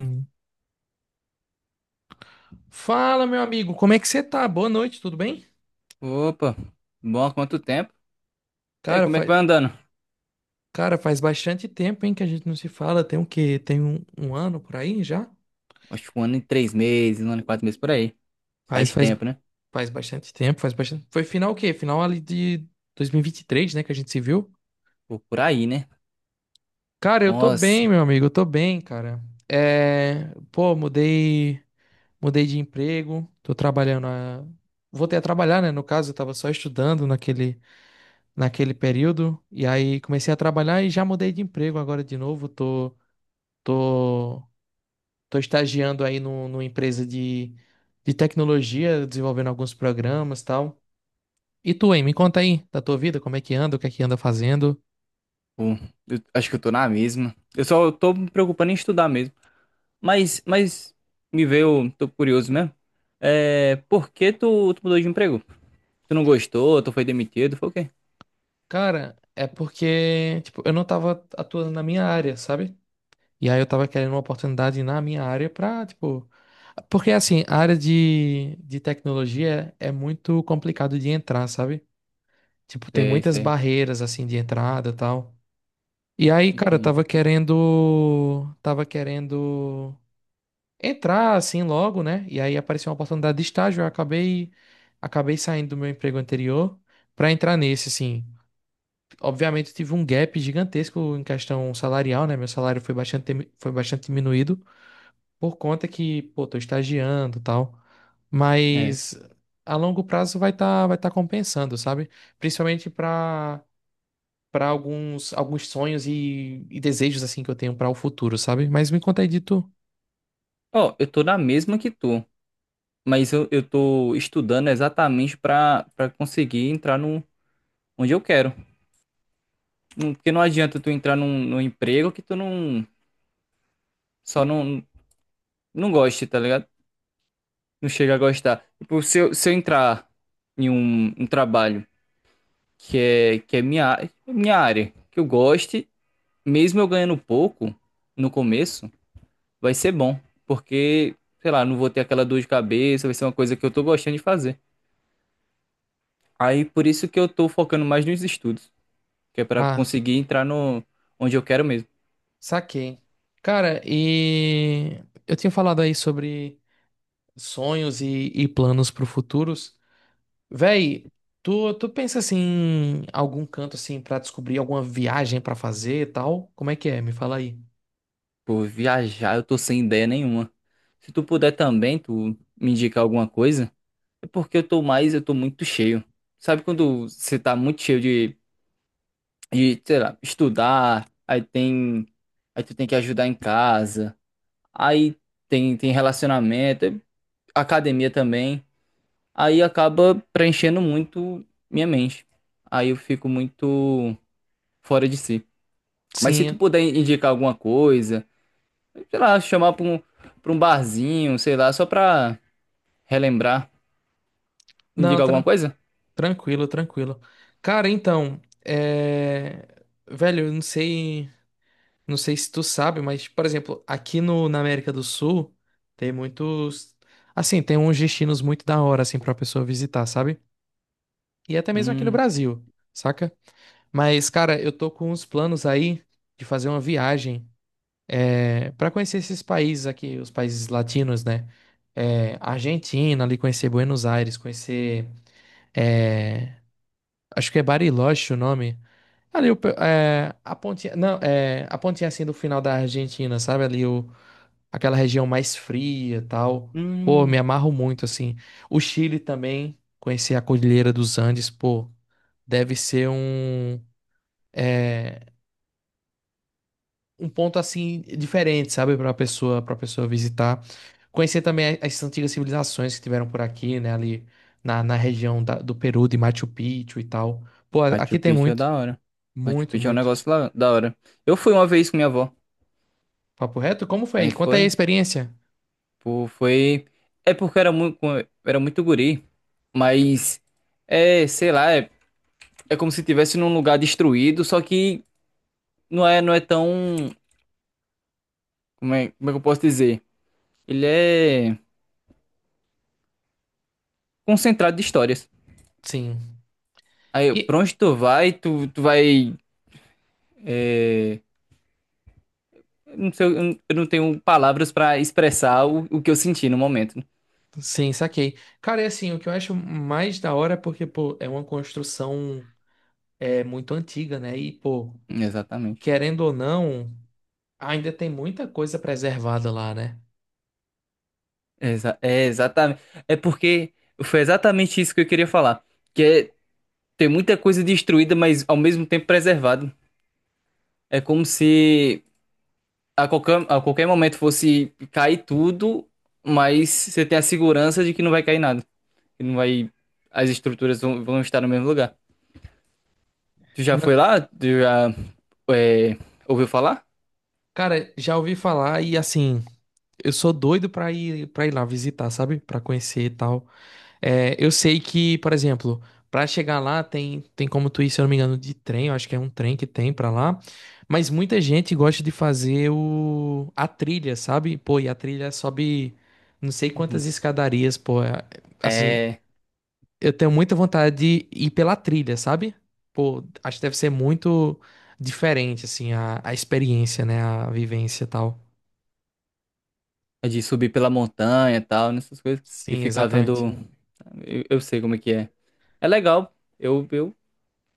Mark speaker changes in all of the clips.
Speaker 1: Hum. Fala, meu amigo, como é que você tá? Boa noite, tudo bem?
Speaker 2: Opa, bom, há quanto tempo? E aí,
Speaker 1: Cara,
Speaker 2: como é que
Speaker 1: faz,
Speaker 2: vai andando?
Speaker 1: Cara, faz bastante tempo, hein, que a gente não se fala. Tem o quê? Tem um ano por aí já?
Speaker 2: Acho que um ano e 3 meses, um ano e 4 meses por aí.
Speaker 1: Faz,
Speaker 2: Faz
Speaker 1: faz,
Speaker 2: tempo, né?
Speaker 1: Faz bastante tempo, faz bastante. Foi final o quê? Final ali de dois mil e vinte e três, né, que a gente se viu?
Speaker 2: Pô, por aí, né?
Speaker 1: Cara, eu tô bem,
Speaker 2: Nossa,
Speaker 1: meu amigo, eu tô bem, cara. É, pô, mudei de emprego, voltei a trabalhar, né? No caso, eu tava só estudando naquele período. E aí comecei a trabalhar e já mudei de emprego agora de novo. Tô, Tô estagiando aí no, numa empresa de tecnologia, desenvolvendo alguns programas e tal. E tu, hein? Me conta aí da tua vida, como é que anda, o que é que anda fazendo.
Speaker 2: pô, eu acho que eu tô na mesma. Eu só tô me preocupando em estudar mesmo. Mas me veio, tô curioso mesmo. É, por que tu mudou de emprego? Tu não gostou, tu foi demitido, foi o quê?
Speaker 1: Cara, é porque, tipo, eu não tava atuando na minha área, sabe? E aí eu tava querendo uma oportunidade na minha área pra, tipo... Porque, assim, a área de tecnologia é muito complicado de entrar, sabe? Tipo, tem
Speaker 2: Sei,
Speaker 1: muitas
Speaker 2: sei,
Speaker 1: barreiras assim de entrada e tal. E aí, cara,
Speaker 2: entendi.
Speaker 1: tava querendo entrar assim logo, né? E aí apareceu uma oportunidade de estágio, eu acabei acabei saindo do meu emprego anterior pra entrar nesse assim. Obviamente eu tive um gap gigantesco em questão salarial, né? Meu salário foi bastante diminuído por conta que, pô, tô estagiando, e tal.
Speaker 2: É.
Speaker 1: Mas a longo prazo vai tá compensando, sabe? Principalmente para alguns sonhos e desejos assim que eu tenho para o futuro, sabe? Mas me conta aí de tu.
Speaker 2: Ó, eu tô na mesma que tu, mas eu tô estudando exatamente pra conseguir entrar no onde eu quero. Porque não adianta tu entrar num emprego que tu não. Só não goste, tá ligado? Não chega a gostar. Tipo, se eu entrar em um trabalho que é minha área, que eu goste, mesmo eu ganhando pouco no começo, vai ser bom. Porque, sei lá, não vou ter aquela dor de cabeça, vai ser uma coisa que eu tô gostando de fazer. Aí por isso que eu tô focando mais nos estudos, que é pra
Speaker 1: Ah,
Speaker 2: conseguir entrar no onde eu quero mesmo.
Speaker 1: saquei. Cara, e eu tinha falado aí sobre sonhos e planos pro futuros. Véi, tu pensa assim em algum canto assim para descobrir alguma viagem para fazer e tal? Como é que é? Me fala aí.
Speaker 2: Por viajar eu tô sem ideia nenhuma. Se tu puder também, tu me indicar alguma coisa, é porque eu tô mais, eu tô muito cheio. Sabe quando você tá muito cheio de, sei lá, estudar, aí tu tem que ajudar em casa, aí tem relacionamento, academia também, aí acaba preenchendo muito minha mente. Aí eu fico muito fora de si. Mas se tu
Speaker 1: Sim.
Speaker 2: puder indicar alguma coisa, sei lá, chamar pra um barzinho, sei lá, só pra relembrar.
Speaker 1: Não,
Speaker 2: Indica alguma coisa?
Speaker 1: tranquilo, tranquilo. Cara, então, é... Velho, eu não sei, não sei se tu sabe, mas, por exemplo, aqui no, na América do Sul tem muitos, assim, tem uns destinos muito da hora, assim, pra pessoa visitar, sabe? E até mesmo aqui no
Speaker 2: Hum,
Speaker 1: Brasil, saca? Mas, cara, eu tô com uns planos aí de fazer uma viagem, para conhecer esses países aqui, os países latinos, né? Argentina, ali conhecer Buenos Aires, eh, acho que é Bariloche o nome. Ali o, é a pontinha, não, é a pontinha assim do final da Argentina, sabe? Ali o, aquela região mais fria, e tal. Pô, me
Speaker 2: hum.
Speaker 1: amarro muito assim. O Chile também, conhecer a Cordilheira dos Andes, pô, deve ser é, um ponto assim diferente, sabe, para pessoa visitar. Conhecer também as antigas civilizações que tiveram por aqui, né, ali na região do Peru, de Machu Picchu e tal. Pô,
Speaker 2: Machu
Speaker 1: aqui tem
Speaker 2: Picchu é
Speaker 1: muito,
Speaker 2: da hora. Machu
Speaker 1: muito,
Speaker 2: Picchu é um
Speaker 1: muito.
Speaker 2: negócio lá, da hora. Eu fui uma vez com minha avó.
Speaker 1: Papo reto? Como foi?
Speaker 2: Aí
Speaker 1: Conta aí a
Speaker 2: foi,
Speaker 1: experiência.
Speaker 2: pô, foi. É porque eu era muito guri. Mas, é, sei lá, é como se estivesse num lugar destruído, só que não é tão. Como é que eu posso dizer? Ele é concentrado de histórias.
Speaker 1: Sim.
Speaker 2: Aí,
Speaker 1: E
Speaker 2: pra onde tu vai, tu vai é, não sei, eu não tenho palavras pra expressar o que eu senti no momento.
Speaker 1: sim, saquei. Cara, é assim, o que eu acho mais da hora é porque, pô, é uma construção, é muito antiga, né? E, pô,
Speaker 2: Exatamente.
Speaker 1: querendo ou não, ainda tem muita coisa preservada lá, né?
Speaker 2: É exatamente. É porque foi exatamente isso que eu queria falar. Que é ter muita coisa destruída, mas ao mesmo tempo preservada. É como se a qualquer momento fosse cair tudo, mas você tem a segurança de que não vai cair nada. Que não vai. As estruturas vão estar no mesmo lugar. Tu já foi
Speaker 1: Na-
Speaker 2: lá? Tu já é, ouviu falar?
Speaker 1: Cara, já ouvi falar e assim, eu sou doido pra ir para ir lá visitar, sabe? Pra conhecer e tal. É, eu sei que, por exemplo, pra chegar lá tem, tem como tu ir, se eu não me engano, de trem, eu acho que é um trem que tem pra lá. Mas muita gente gosta de fazer o a trilha, sabe? Pô, e a trilha sobe não sei quantas escadarias, Assim,
Speaker 2: É.
Speaker 1: eu tenho muita vontade de ir pela trilha, sabe? Pô, acho que deve ser muito diferente, assim, a experiência, né? A vivência e tal.
Speaker 2: É de subir pela montanha e tal, nessas coisas. E
Speaker 1: Sim,
Speaker 2: ficar
Speaker 1: exatamente.
Speaker 2: vendo. Eu sei como é que é. É legal. Eu, eu,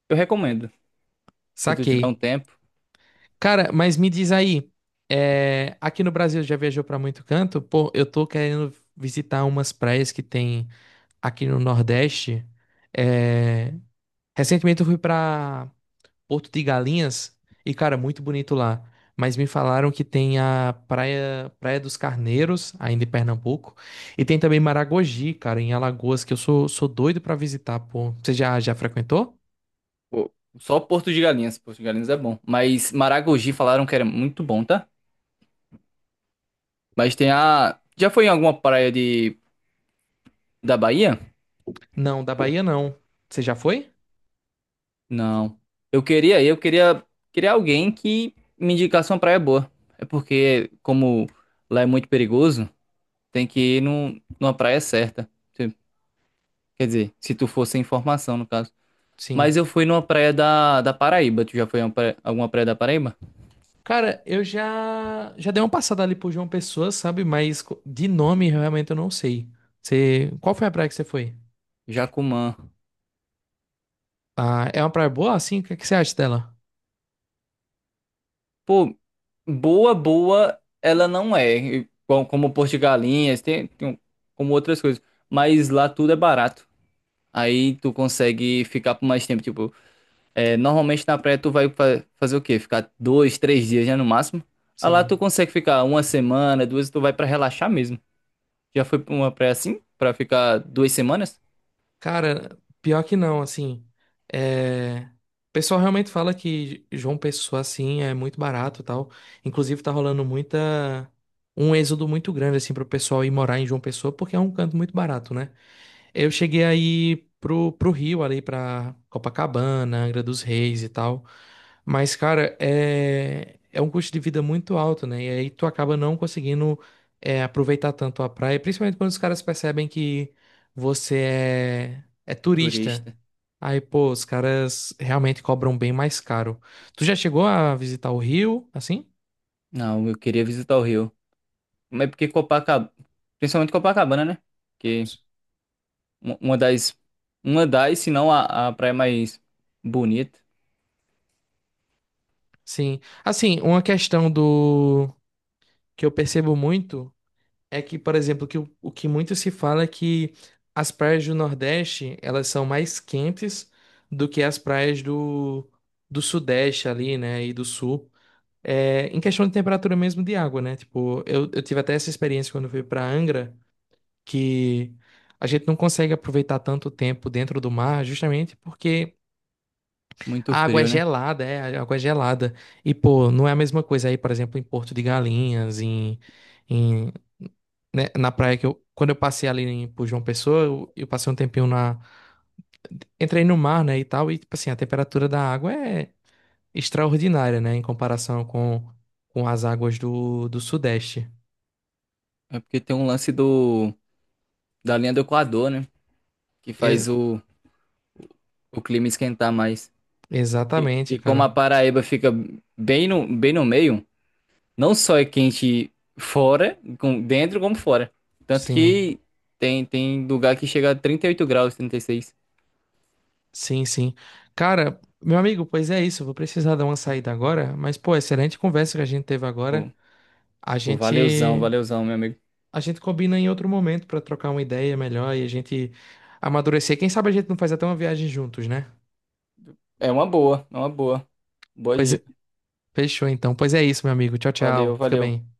Speaker 2: eu recomendo. Se tu tiver um
Speaker 1: Saquei.
Speaker 2: tempo.
Speaker 1: Cara, mas me diz aí, é, aqui no Brasil já viajou pra muito canto? Pô, eu tô querendo visitar umas praias que tem aqui no Nordeste. É, recentemente eu fui pra Porto de Galinhas e, cara, muito bonito lá. Mas me falaram que tem a praia, Praia dos Carneiros, ainda em Pernambuco, e tem também Maragogi, cara, em Alagoas, que sou doido pra visitar, pô. Você já frequentou?
Speaker 2: Pô, só Porto de Galinhas. Porto de Galinhas é bom. Mas Maragogi falaram que era muito bom, tá? Mas tem a. Já foi em alguma praia da Bahia?
Speaker 1: Não, da
Speaker 2: Pô,
Speaker 1: Bahia não. Você já foi?
Speaker 2: não. Eu queria alguém que me indicasse uma praia boa. É porque, como lá é muito perigoso, tem que ir numa praia certa. Quer dizer, se tu for sem informação, no caso.
Speaker 1: Sim.
Speaker 2: Mas eu fui numa praia da Paraíba. Tu já foi em uma alguma praia da Paraíba?
Speaker 1: Cara, eu já já dei uma passada ali por João Pessoa, sabe? Mas de nome realmente eu não sei. Você, qual foi a praia que você foi?
Speaker 2: Jacumã.
Speaker 1: Ah, é uma praia boa assim? O que que você acha dela?
Speaker 2: Pô, boa, boa, ela não é. Como Porto de Galinhas, como outras coisas. Mas lá tudo é barato. Aí tu consegue ficar por mais tempo. Tipo, é, normalmente na praia tu vai fazer o quê? Ficar 2, 3 dias, né, no máximo. Aí lá tu
Speaker 1: Sim.
Speaker 2: consegue ficar uma semana, duas, tu vai pra relaxar mesmo. Já foi pra uma praia assim? Pra ficar 2 semanas?
Speaker 1: Cara, pior que não, assim. É... O pessoal realmente fala que João Pessoa assim é muito barato e tal. Inclusive tá rolando muita um êxodo muito grande assim pro pessoal ir morar em João Pessoa porque é um canto muito barato, né? Eu cheguei aí pro Rio, ali pra Copacabana, Angra dos Reis e tal. Mas, cara, é um custo de vida muito alto, né? E aí tu acaba não conseguindo aproveitar tanto a praia, principalmente quando os caras percebem que você é turista.
Speaker 2: Turista.
Speaker 1: Aí, pô, os caras realmente cobram bem mais caro. Tu já chegou a visitar o Rio, assim?
Speaker 2: Não, eu queria visitar o Rio. Mas porque Copacabana, principalmente Copacabana, né? Que uma uma das, uma das, se não a praia mais bonita,
Speaker 1: Sim. Assim, uma questão do que eu percebo muito. É que, por exemplo, que o que muito se fala é que as praias do Nordeste, elas são mais quentes do que as praias do Sudeste ali, né, e do Sul. É, em questão de temperatura mesmo de água, né? Tipo, eu tive até essa experiência quando eu fui para Angra, que a gente não consegue aproveitar tanto tempo dentro do mar, justamente porque
Speaker 2: muito
Speaker 1: a água é
Speaker 2: frio, né?
Speaker 1: gelada, é, a água é gelada. E, pô, não é a mesma coisa aí, por exemplo, em Porto de Galinhas, em, né, na praia que eu, quando eu passei ali em, por João Pessoa, eu passei um tempinho entrei no mar, né, e tal, e tipo assim, a temperatura da água é extraordinária, né, em comparação com as águas do Sudeste.
Speaker 2: É porque tem um lance do da linha do Equador, né? Que
Speaker 1: Ex-
Speaker 2: faz o clima esquentar mais. E,
Speaker 1: Exatamente,
Speaker 2: e como
Speaker 1: cara.
Speaker 2: a Paraíba fica bem no meio, não só é quente fora, dentro como fora. Tanto
Speaker 1: Sim,
Speaker 2: que tem lugar que chega a 38 graus, 36.
Speaker 1: sim, sim. Cara, meu amigo, pois é isso, eu vou precisar dar uma saída agora, mas pô, excelente conversa que a gente teve agora.
Speaker 2: Pô,
Speaker 1: A
Speaker 2: pô,
Speaker 1: gente
Speaker 2: valeuzão, valeuzão, meu amigo.
Speaker 1: a gente combina em outro momento pra trocar uma ideia melhor e a gente amadurecer. Quem sabe a gente não faz até uma viagem juntos, né?
Speaker 2: É uma boa, é uma boa. Boa
Speaker 1: Pois é,
Speaker 2: dica.
Speaker 1: fechou então. Pois é isso, meu amigo. Tchau,
Speaker 2: Valeu,
Speaker 1: tchau. Fica
Speaker 2: valeu.
Speaker 1: bem.